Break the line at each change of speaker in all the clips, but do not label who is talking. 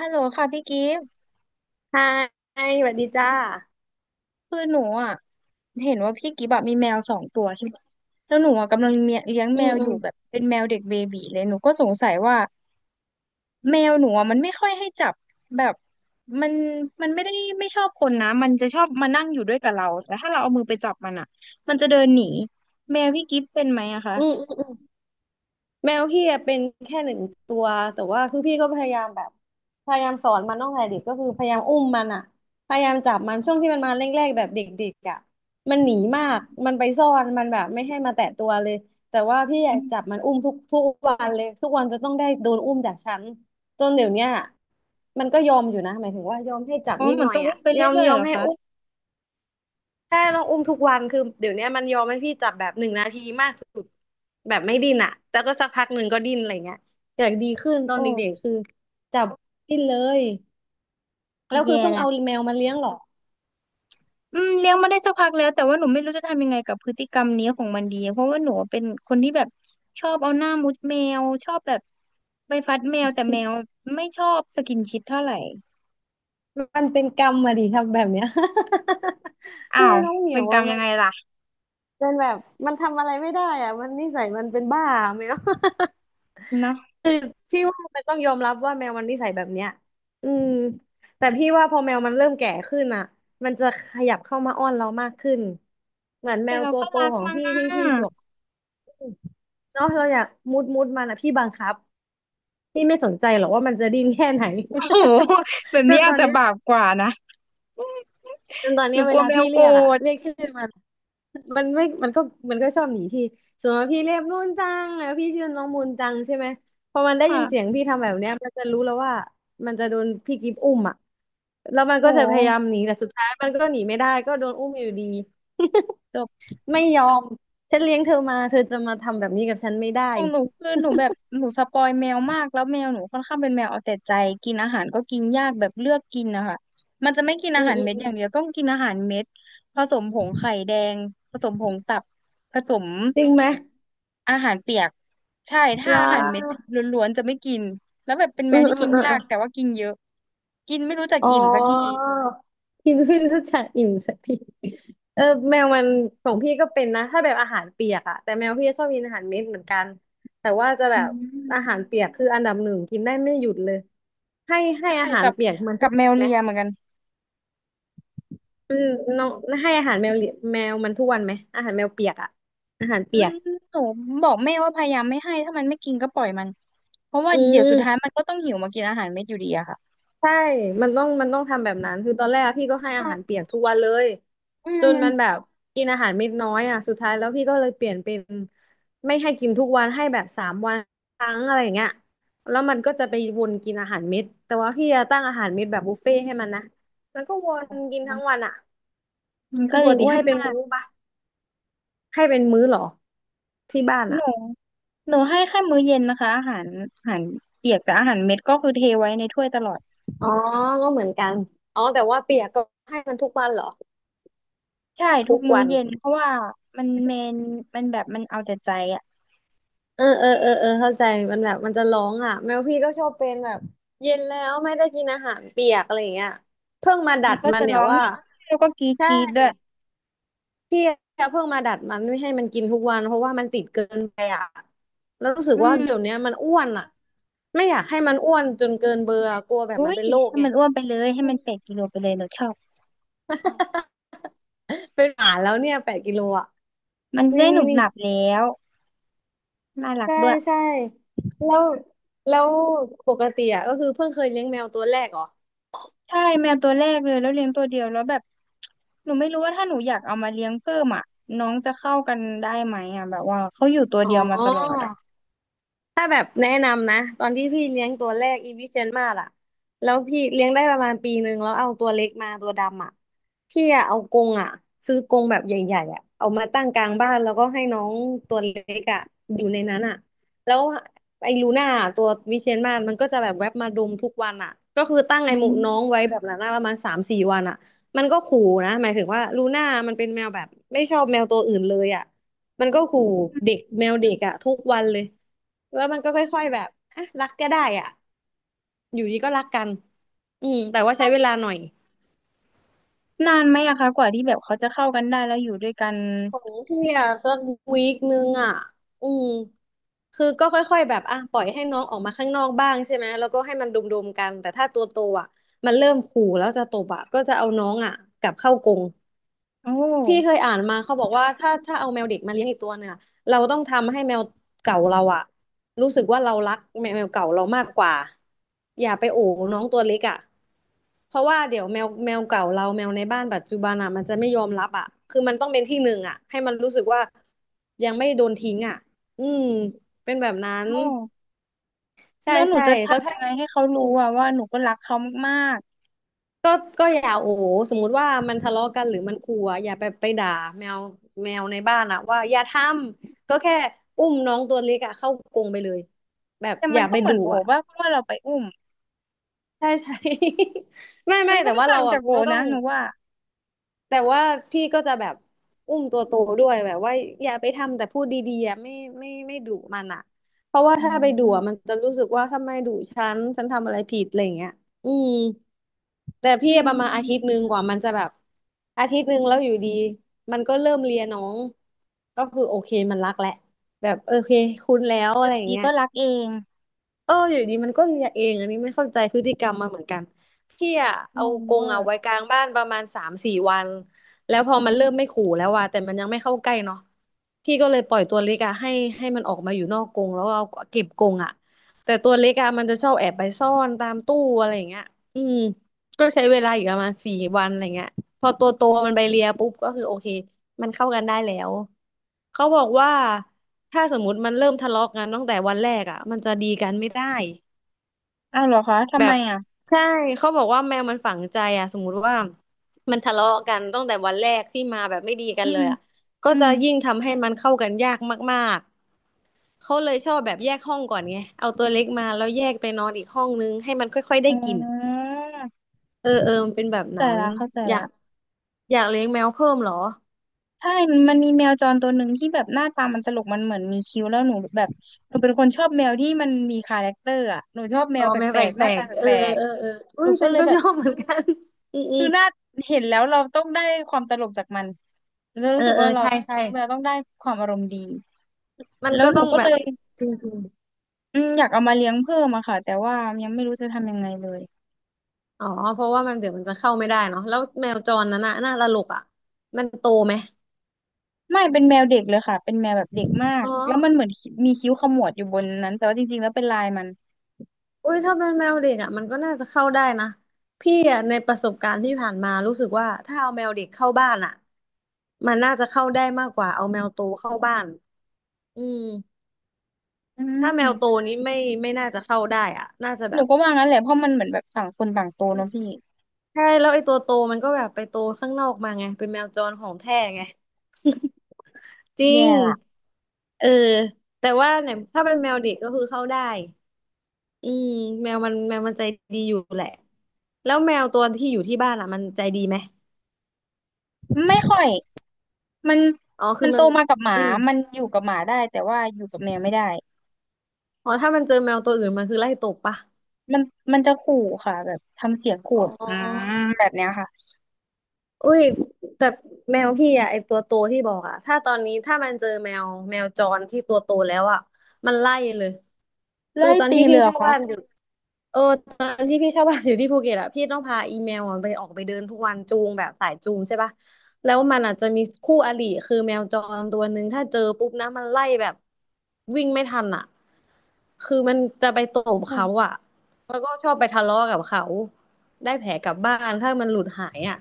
ฮัลโหลค่ะพี่กิฟต์
ใช่สวัสดีจ้า
คือหนูอ่ะเห็นว่าพี่กิฟต์อะมีแมวสองตัวใช่ไหมแล้วหนูอ่ะกำลังเมียเลี้ยง
อื
แม
ม
วอ
อื
ยู่
ม
แบบเป็นแมวเด็กเบบีเลยหนูก็สงสัยว่าแมวหนูอ่ะมันไม่ค่อยให้จับแบบมันมันไม่ได้ไม่ชอบคนนะมันจะชอบมานั่งอยู่ด้วยกับเราแต่ถ้าเราเอามือไปจับมันอ่ะมันจะเดินหนีแมวพี่กิฟต์เป็นไหมอะคะ
อืมอืมอืมแมวพี่อะเป็นแค่หนึ่งตัวแต่ว่าคือพี่ก็พยายามแบบพยายามสอนมันตั้งแต่เด็กก็คือพยายามอุ้มมันอะพยายามจับมันช่วงที่มันมาแรกๆแบบเด็กๆอะมันหนีมากมันไปซ่อนมันแบบไม่ให้มาแตะตัวเลยแต่ว่าพี่
อ
อะ
ม
จับมันอุ้มทุกทุกวันเลยทุกวันจะต้องได้โดนอุ้มจากฉันจนเดี๋ยวเนี้ยมันก็ยอมอยู่นะหมายถึงว่ายอมให้จับ
อ๋อ
นิด
เหมื
ห
อน
น่อย
ต้องอุ้
อะ
มไป
ยอม
เรื่อย
ย
ๆ
อ
เห
ม
รอ
ให้
คะ
อุ้ม ใช่ต้องอุ้มทุกวันคือเดี๋ยวเนี้ยมันยอมให้พี่จับแบบหนึ่งนาทีมากสุดแบบไม่ดิ้นอ่ะแต่ก็สักพักหนึ่งก็ดิ้นอะไรเงี้ยอยากดีขึ้นตอนเด็กๆ
โอ้
คือจับดิ้นเลย แล้วคือ
แย่
เพิ่ง
ละ
เอาแมวมาเลี้ยงหรอ
อืมเลี้ยงมาได้สักพักแล้วแต่ว่าหนูไม่รู้จะทำยังไงกับพฤติกรรมนี้ของมันดีเพราะว่าหนูเป็นคนที่แบบชอบเอาหน้ามุดแมวชอบแบบไปฟัดแมวแต่แมวไม่ชอบสกินชิปเท่าไหร่
มันเป็นกรรมมาดิทำแบบเนี้ย
อ้า
คือ
ว
น้องเหมี
เป็
ย
น
ว
กร
อ่ะ
รมยั
มั
ง
น
ไงล่ะ
เป็นแบบมันทำอะไรไม่ได้อ่ะมันนิสัยมันเป็นบ้าแมว
เนาะ
คือพี่ว่ามันต้องยอมรับว่าแมวมันนิสัยแบบเนี้ยอืมแต่พี่ว่าพอแมวมันเริ่มแก่ขึ้นอ่ะมันจะขยับเข้ามาอ้อนเรามากขึ้นเหมือนแม
แต่
ว
เรา
ตัว
ก็
โต
รัก
ของ
มัน
พี่ที่
น่ะ
พี่สวมเนาะเราอยากมุดมุดมันอ่ะพี่บังคับพี่ไม่สนใจหรอกว่ามันจะดิ้นแค่ไหน
โอ้โหแบบ
จ
นี้
นต
อาจ
อน
จะ
เนี้ย
บาปกว่านะ
จนตอน
ห
เนี้
นู
ยเว
กลัว
ลา
แมว
พี่
โก
เรี
ร
ยกอ่ะ
ธ
เรียกชื่อมัน มันไม่มันก็มันก็ชอบหนีพี่สมมติว่าพี่เรียกมูนจังแล้วพี่ชื่อน้องมูนจังใช่ไหมพอมันได้ยินเสีย
ค่ะ
งพี่ทำแบบเนี้ยมันจะรู้แล้วว่ามันจะโดนพี่กิฟอุ้มอ่ะแล้วมัน
โอ้
ก็จะพยายาม
โห
หนีแต่สุดท้ายมันก็หนีไม่ได้ก็โดนอุ้มอยู่ดี
จบ
ไม่ยอมฉันเลี้ยงเธอมาเธอจะมาทำแบบนี้กับฉันไม่ได้
ของหนูคือหนูแบบหนูสปอยแมวมากแล้วแมวหนูค่อนข้างเป็นแมวเอาแต่ใจกินอาหารก็กินยากแบบเลือกกินนะคะมันจะไม่กิน
อื
อา
ม
หาร
อืม
เม็ด
อื
อ
ม
ย่างเดียวต้องกินอาหารเม็ดผสมผงไข่แดงผสมผงตับผสม
จริงไหม
อาหารเปียกใช่ถ้า
ว้า
อาหารเม็ดล้วนๆจะไม่กินแล้วแบบเป็นแม
อื
ว
ม
ที่
อืม
กิน
อื
ยาก
ม
แต่ว่ากินเยอะกินไม่รู้จัก
อ๋
อิ่มสักที
อพินเพิ่งรู้จักอิ่มสักทีเออแมวมันของพี่ก็เป็นนะถ้าแบบอาหารเปียกอะแต่แมวพี่ชอบกินอาหารเม็ดเหมือนกันแต่ว่าจะแบ
อื
บอา
ม
หารเปียกคืออันดับหนึ่งกินได้ไม่หยุดเลยให้ให้
ใช่
อาหาร
กับ
เปียกมันทุก
แม
วัน
ว
ไหม
เลียเหมือนกัน
อืมน้องให้อาหารแมวเหลีแมวมันทุกวันไหมอาหารแมวเปียกอะอาหาร
อื
เปียก
มหนูบอกแม่ว่าพยายามไม่ให้ถ้ามันไม่กินก็ปล่อยมันเพราะว่า
อื
เดี๋ยวสุดท้าย
ม
มันก็ต้องหิวมากินอาหารเม็ดอยู่ดีอะค่ะ
ใช่มันต้องทำแบบนั้นคือตอนแรกอะพี่ก็ให้อาหาร
อ่ะ
เปียกทุกวันเลย
อื
จนมัน
ม
แบบกินอาหารเม็ดน้อยอ่ะสุดท้ายแล้วพี่ก็เลยเปลี่ยนเป็นไม่ให้กินทุกวันให้แบบ3 วันครั้งอะไรอย่างเงี้ยแล้วมันก็จะไปวนกินอาหารเม็ดแต่ว่าพี่จะตั้งอาหารเม็ดแบบบุฟเฟ่ต์ให้มันนะมันก็วนกินทั้งวันอ่ะ
มัน
คื
ก็
อป
เล
ก
ย
ติ
อ้วน
ให้เป็น
มาก
มื้อปะให้เป็นมื้อเหรอที่บ้าน
ห
อ่ะ
นูหนูให้แค่มื้อเย็นนะคะอาหารอาหารเปียกแต่อาหารเม็ดก็คือเทไว้ในถ้วยตลอด
อ๋อก็เหมือนกันอ๋อแต่ว่าเปียกก็ให้มันทุกวันเหรอ
ใช่ทุ
ทุ
ก
ก
มื้อ
วัน
เย็นเพราะว่ามันเมนมันแบบมันเอาแต่ใจอะ
เออเออเออเออเข้าใจมันแบบมันจะร้องอ่ะแมวพี่ก็ชอบเป็นแบบเย็นแล้วไม่ได้กินอาหารเปียกอะไรอย่างเงี้ยเพิ่งมาดั
แล้ว
ด
ก็
มัน
จะ
เนี่ย
ร้อง
ว่า
แล้วก็กรีด
ใช่
กรีดด้วย
พี่อะเพิ่งมาดัดมันไม่ให้มันกินทุกวันเพราะว่ามันติดเกินไปอ่ะแล้วรู้สึก
อื
ว่าเดี๋ยว
ม
เนี้ยมันอ้วนอ่ะไม่อยากให้มันอ้วนจนเกินเบอร์อะกลัวแบบมั
อุ้
น
ย
เป็นโรค
ให้
ไง
มันอ้วนไปเลยให้มัน8 กิโลไปเลยหนูชอบ
เป็นหมาแล้วเนี่ย8 กิโลอ่ะ
มัน
นี่
ได้ห
นี่
นุบ
นี่
หนับแล้วน่ารัก
ใช่
ด้วย
ใช่แล้วแล้วปกติอ่ะก็คือเพิ่งเคยเลี้ยงแมวตัวแรกเหรอ
ใช่แมวตัวแรกเลยแล้วเลี้ยงตัวเดียวแล้วแบบหนูไม่รู้ว่าถ้าหนูอยากเอามาเลี้ยงเพิ่มอ่ะน้องจะเข้ากันได้ไหมอ่ะแบบว่าเขาอยู่ตัว
อ๋
เดียวมาตลอด
อ
อ่ะ
ถ้าแบบแนะนำนะตอนที่พี่เลี้ยงตัวแรกอีวิเชียนมาศอะแล้วพี่เลี้ยงได้ประมาณปีหนึ่งแล้วเอาตัวเล็กมาตัวดำอะพี่อะเอากรงอะซื้อกรงแบบใหญ่ๆอะเอามาตั้งกลางบ้านแล้วก็ให้น้องตัวเล็กอะอยู่ในนั้นอะแล้วไอ้ลูน่าตัววิเชียนมาศมันก็จะแบบแวบมาดมทุกวันอะก็คือตั้ง
อื
ไอ้หมู
ม
น้องไว้แบบนั้นอะประมาณ3-4 วันอะมันก็ขู่นะหมายถึงว่าลูน่ามันเป็นแมวแบบไม่ชอบแมวตัวอื่นเลยอะมันก็ขู่เด็กแมวเด็กอะทุกวันเลย แล้วมันก็ค่อยๆแบบอ่ะรักก็ได้อ่ะอยู่ดีก็รักกันอืมแต่ว่าใช้เวลาหน่อย
นานไหมอะคะกว่าที่แบบเขาจะเข้ากันได้แล้วอยู่ด้วยกัน
ของพี่อ่ะสักวีคนึงอ่ะอืมคือก็ค่อยๆแบบอ่ะปล่อยให้น้องออกมาข้างนอกบ้างใช่ไหมแล้วก็ให้มันดุมๆกันแต่ถ้าตัวโตอ่ะมันเริ่มขู่แล้วจะตบอ่ะก็จะเอาน้องอ่ะกลับเข้ากรง
โอ
พี่เค
้
ยอ่านมาเขาบอกว่าถ้าเอาแมวเด็กมาเลี้ยงอีกตัวเนี่ยเราต้องทำให้แมวเก่าเราอะรู้สึกว่าเรารักแมวเก่าเรามากกว่าอย่าไปโอ๋น้องตัวเล็กอะเพราะว่าเดี๋ยวแมวเก่าเราแมวในบ้านปัจจุบันอะมันจะไม่ยอมรับอะคือมันต้องเป็นที่หนึ่งอะให้มันรู้สึกว่ายังไม่โดนทิ้งอะอืมเป็นแบบนั้น
โอ้
ใช่
แล้วหนู
ใช่
จะ
แล้ว
ทำยั
ถ้า
งไงให้เขารู้อะว่าหนูก็รักเขามาก
ก็ก็อย่าโอ้โหสมมุติว่ามันทะเลาะกันหรือมันขู่อะอย่าไปด่าแมวแมวในบ้านอะว่าอย่าทำ ก็แค่อุ้มน้องตัวเล็กอะเข้ากรงไปเลย แบบ
ๆแต่
อ
มัน
ย่า
ก็
ไป
เหมือ
ดุ
นโอ
อะ
ว่าเพราะว่าเราไปอุ้ม
ใช่ใช่ ไม่
มั
ไม่
นก็
แต่
ไม่
ว่า
ต่า
เรา
ง
อะ
จากโอ
ก็ต้อ
นะ
ง
หนูว่า
แต่ว่าพี่ก็จะแบบอุ้มตัวโตด้วยแบบว่าอย่าไปทำแต่พูดดีๆอะไม่ไม่ดุมันอ่ะเพราะว่า
อื
ถ้าไปดุอะมัน
ม
จะรู้สึกว่าทำไมดุฉันฉันทำอะไรผิดอะไรอย่างเงี้ยอืมแต่
อื
พี่ป
ม
ระมาณอาทิตย์หนึ่งกว่ามันจะแบบอาทิตย์หนึ่งแล้วอยู่ดีมันก็เริ่มเลียน้องก็คือโอเคมันรักแหละแบบโอเคคุ้นแล้ว
อ
อะ
ยู่
ไรอย่าง
ดีๆ
เงี้ย
ก็รักเอง
เอออยู่ดีมันก็เลียเองอันนี้ไม่เข้าใจพฤติกรรมมาเหมือนกันพี่อะ
ง
เอา
ง
กร
เว
ง
อ
อะ
ร์
ไว้กลางบ้านประมาณสามสี่วันแล้วพอมันเริ่มไม่ขู่แล้วว่ะแต่มันยังไม่เข้าใกล้เนาะพี่ก็เลยปล่อยตัวเล็กอะให้ให้มันออกมาอยู่นอกกรงแล้วเอาเก็บกรงอะแต่ตัวเล็กอะมันจะชอบแอบไปซ่อนตามตู้อะไรอย่างเงี้ยอืมก็ใช้เวลาอยู่ประมาณสี่วันอะไรเงี้ยพอตัวโตมันไปเลียปุ๊บก็คือโอเค มันเข้ากันได้แล้วเขาบอกว่าถ้าสมมติมันเริ่มทะเลาะกันตั้งแต่วันแรกอ่ะมันจะดีกันไม่ได้
อ้าวเหรอคะทำ
แบ
ไม
บ
อ่ะ
ใช่เขาบอกว่าแมวมันฝังใจอ่ะสมมุติว่ามันทะเลาะกันตั้งแต่วันแรกที่มาแบบไม่ดีกั
อื
นเล
ม
ยอ่ะก็
อื
จะ
ม
ยิ่งทำให้มันเข้ากันยากมากๆเขาเลยชอบแบบแยกห้องก่อนไงเอาตัวเล็กมาแล้วแยกไปนอนอีกห้องนึงให้มันค่อยๆได้
อ๋
กินอะ
อ
เออเออมันเป็นแบบ
เข้าใจ
นั้น
ละเข้าใจ
อยา
ละ
กอยากเลี้ยงแมวเพิ่มเหรอ
ใช่มันมีแมวจรตัวหนึ่งที่แบบหน้าตามันตลกมันเหมือนมีคิ้วแล้วหนูแบบหนูเป็นคนชอบแมวที่มันมีคาแรคเตอร์อ่ะหนูชอบแม
อ๋อ
วแป
แม่แป
ลกๆหน้า
ล
ตา
กๆเออ
แปลก
เออเออ
ๆ
อุ้
หนู
ย
ก็
ฉัน
เลย
ก็
แบ
ช
บ
อบเหมือนกันอืมอื
คื
ม
อหน้าเห็นแล้วเราต้องได้ความตลกจากมันเรา
เอ
รู้สึ
อ
ก
เอ
ว่า
อ
เรา
ใช่ใช่
เลี้ยงแมวต้องได้ความอารมณ์ดี
มัน
แล้ว
ก็
หนู
ต้อง
ก็
แบ
เล
บ
ย
จริง
อืมอยากเอามาเลี้ยงเพิ่มอะค่ะแต่ว่ายังไม่รู้จะทำยังไงเลย
ๆอ๋อเพราะว่ามันเดี๋ยวมันจะเข้าไม่ได้เนาะแล้วแมวจรนั้นน่ะน่าตลกอ่ะมันโตไหม
ไม่เป็นแมวเด็กเลยค่ะเป็นแมวแบบเด็กมาก
อ๋อ
แล้วมันเหมือนมีคิ้วขมวดอยู่บนนั้นแต่ว่าจริงๆแล้วเป็นลายมัน
อุ้ยถ้าเป็นแมวเด็กอ่ะมันก็น่าจะเข้าได้นะพี่อ่ะในประสบการณ์ที่ผ่านมารู้สึกว่าถ้าเอาแมวเด็กเข้าบ้านอ่ะมันน่าจะเข้าได้มากกว่าเอาแมวโตเข้าบ้านอืม
อื
ถ้า
ม
แมวโตนี้ไม่น่าจะเข้าได้อ่ะน่าจะ
ห
แบ
นู
บ
ก็ว่างั้นแหละเพราะมันเหมือนแบบต่างคนต่างโตเนอะพี่
ใช่แล้วไอ้ตัวโตมันก็แบบไปโตข้างนอกมาไงเป็นแมวจรของแท้ไงจริง
แย่ละ
เออแต่ว่าเนี่ยถ้าเป็นแมวเด็กก็คือเข้าได้อืมแมวมันแมวมันใจดีอยู่แหละแล้วแมวตัวที่อยู่ที่บ้านอ่ะมันใจดีไหม
ไม่ค่อยมัน
อ๋อคื
มั
อ
นโต
มัน
มากับหมา
อืม
มันอยู่กับหมาได้แต่ว่าอยู่กับแมวไม่ได้
อ๋อถ้ามันเจอแมวตัวอื่นมันคือไล่ตบปะ
มันมันจะขู่ค่ะแบบทำเสียงขู่
อ๋อ
อืมแบบเนี้ยค่ะ
อุ้ยแต่แมวพี่อะไอตัวโตที่บอกอะถ้าตอนนี้ถ้ามันเจอแมวจรที่ตัวโตแล้วอะมันไล่เลยคือ
ไล่
ตอน
ตี
ที่
เล
พี่
ยเหรือ
เช่า
คะ
บ้านอยู่เออตอนที่พี่เช่าบ้านอยู่ที่ภูเก็ตอะพี่ต้องพาอีแมวอะไปออกไปเดินทุกวันจูงแบบสายจูงใช่ปะแล้วมันอาจจะมีคู่อริคือแมวจรตัวหนึ่งถ้าเจอปุ๊บนะมันไล่แบบวิ่งไม่ทันอะคือมันจะไปตบ
อืม
เขาอะแล้วก็ชอบไปทะเลาะกับเขาได้แผลกลับบ้านถ้ามันหลุดหายอะ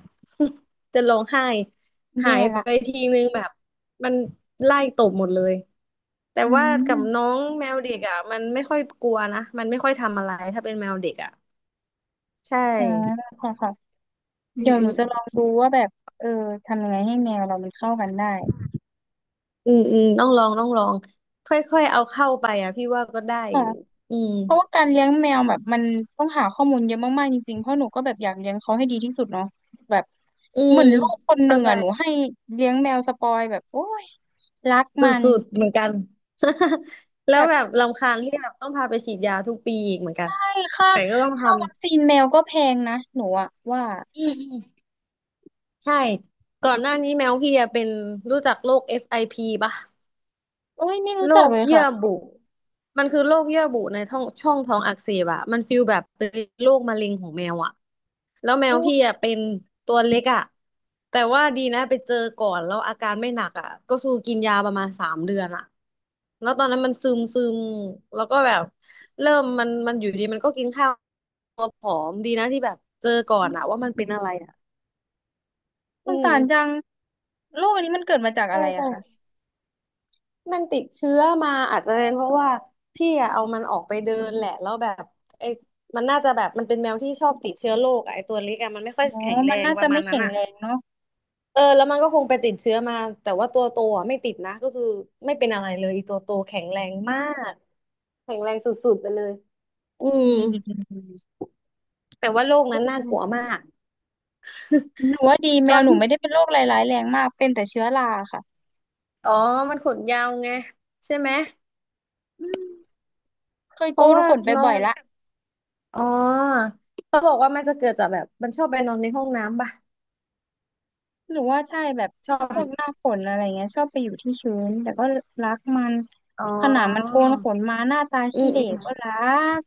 จะร้องไห้หา
แย่
ยไป
ละ
ทีนึงแบบมันไล่ตบหมดเลยแต่
อื
ว่ากับน้
ม
องแมวเด็กอ่ะมันไม่ค่อยกลัวนะมันไม่ค่อยทำอะไรถ้าเป็นแมวเด็กอ่ะใช่
อ๋อค่ะค่ะ
อื
เดี๋
ม
ยวห
อื
นู
ม
จะลองดูว่าแบบเออทำยังไงให้แมวเรามันเข้ากันได้
อืมต้องลองต้องลองค่อยๆเอาเข้าไปอ่ะพี่ว่าก็ได้อยู่อืม
เพราะว่าการเลี้ยงแมวแบบมันต้องหาข้อมูลเยอะมากๆจริงๆ เพราะหนูก็แบบอยากเลี้ยงเขาให้ดีที่สุดเนาะแบบ
อื
เห
ม
มือนลูกคนห
เข้า
นึ่ง
ใจ
อ่ะหนูให้เลี้ยงแมวสปอยแบบโอ้ยรัก
ส
มัน
ุดๆเหมือนกัน แล้ว
แบบ
แบบรำคาญที่แบบต้องพาไปฉีดยาทุกปีอีกเหมือนกัน
ใช่ค่า
แต่ก็ต้องท
วัคซีนแมวก็แพงนะหนูอะว่า
ำอืม ใช่ก่อนหน้านี้แมวพี่อะเป็นรู้จักโรค FIP ปะ
เอ้ยไม่รู้
โร
จัก
ค
เลย
เยื่อ
ค่ะ
บุมันคือโรคเยื่อบุในท้องช่องท้องอักเสบอะมันฟีลแบบเป็นโรคมะเร็งของแมวอะแล้วแมว
อุ้ย
พี่อะเป็นตัวเล็กอะแต่ว่าดีนะไปเจอก่อนแล้วอาการไม่หนักอะก็คือกินยาประมาณสามเดือนอะแล้วตอนนั้นมันซึมซึมแล้วก็แบบเริ่มมันอยู่ดีมันก็กินข้าวตัวผอมดีนะที่แบบเจอก่อนอะว่ามันเป็นอะไรอะ
ส
อื
ง
ม
สารจังโรคอันนี้มันเกิดมาจากอะ
ใช่
ไรอะ
ใช่
คะ
มันติดเชื้อมาอาจจะเป็นเพราะว่าพี่อะเอามันออกไปเดินแหละแล้วแบบไอ้มันน่าจะแบบมันเป็นแมวที่ชอบติดเชื้อโรคอะไอ้ตัวเล็กอะมันไม่ค่
อ๋
อ
อ
ยแข็งแร
มัน
ง
น่า
ป
จะ
ระมา
ไม่
ณนั้
แข็
น
ง
อะ
แรงเนาะ
เออแล้วมันก็คงไปติดเชื้อมาแต่ว่าตัวโตอะไม่ติดนะก็คือไม่เป็นอะไรเลยอีตัวโตแข็งแรงมากแข็งแรงสุดๆไปเลยอืม
ดี
แต่ว่าโรคนั้นน่ากลัวมาก
หนูว่าดีแม
ตอ
ว
น
หนู
ที่
ไม่ได้เป็นโรคร้ายๆแรงมากเป็นแต่เชื้อราค่ะ
อ๋อมันขนยาวไงใช่ไหม
อืม เคย
เพ
โก
ราะ
น
ว่า
ขนไป
น้อ
บ่
ง
อยละ
อ๋อเขาบอกว่ามันจะเกิดจากแบบมันชอบไปนอนในห้องน้ำปะ
หรือว่าใช่แบบ
ชอ
พ
บ
วกหน้าขนอะไรเงี้ยชอบไปอยู่ที่ชื้นแต่ก็รักมัน
อ๋
ขนาดมันโก
อ
นขนมาหน้าตา
อื
ขี้
ม
เหร่
อืม
ก็รัก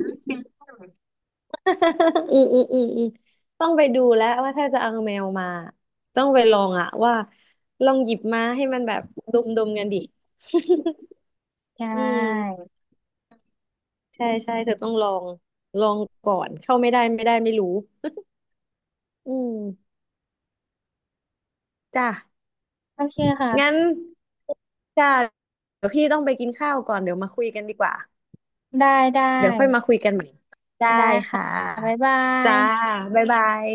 อืมต้องไปดูแล้วว่าถ้าจะเอาแมวมาต้องไปลองอะว่าลองหยิบมาให้มันแบบดมกันดิ
ใช
อืม
่
ใช่ใช่เธอต้องลองลองก่อนเข้าไม่ได้ไม่ได้ไม่รู้อืมจ้ะ
โอเค
งั้
ค่ะ
นจ้ะเดี๋ยวพี่ต้องไปกินข้าวก่อนเดี๋ยวมาคุยกันดีกว่า
ได้ได้
เดี๋ยวค่อยมาคุยกันใหม่ได้
ได้ค่ะ
ค่
บ๊าย
ะ
บา
จ้า
ย
บ๊ายบาย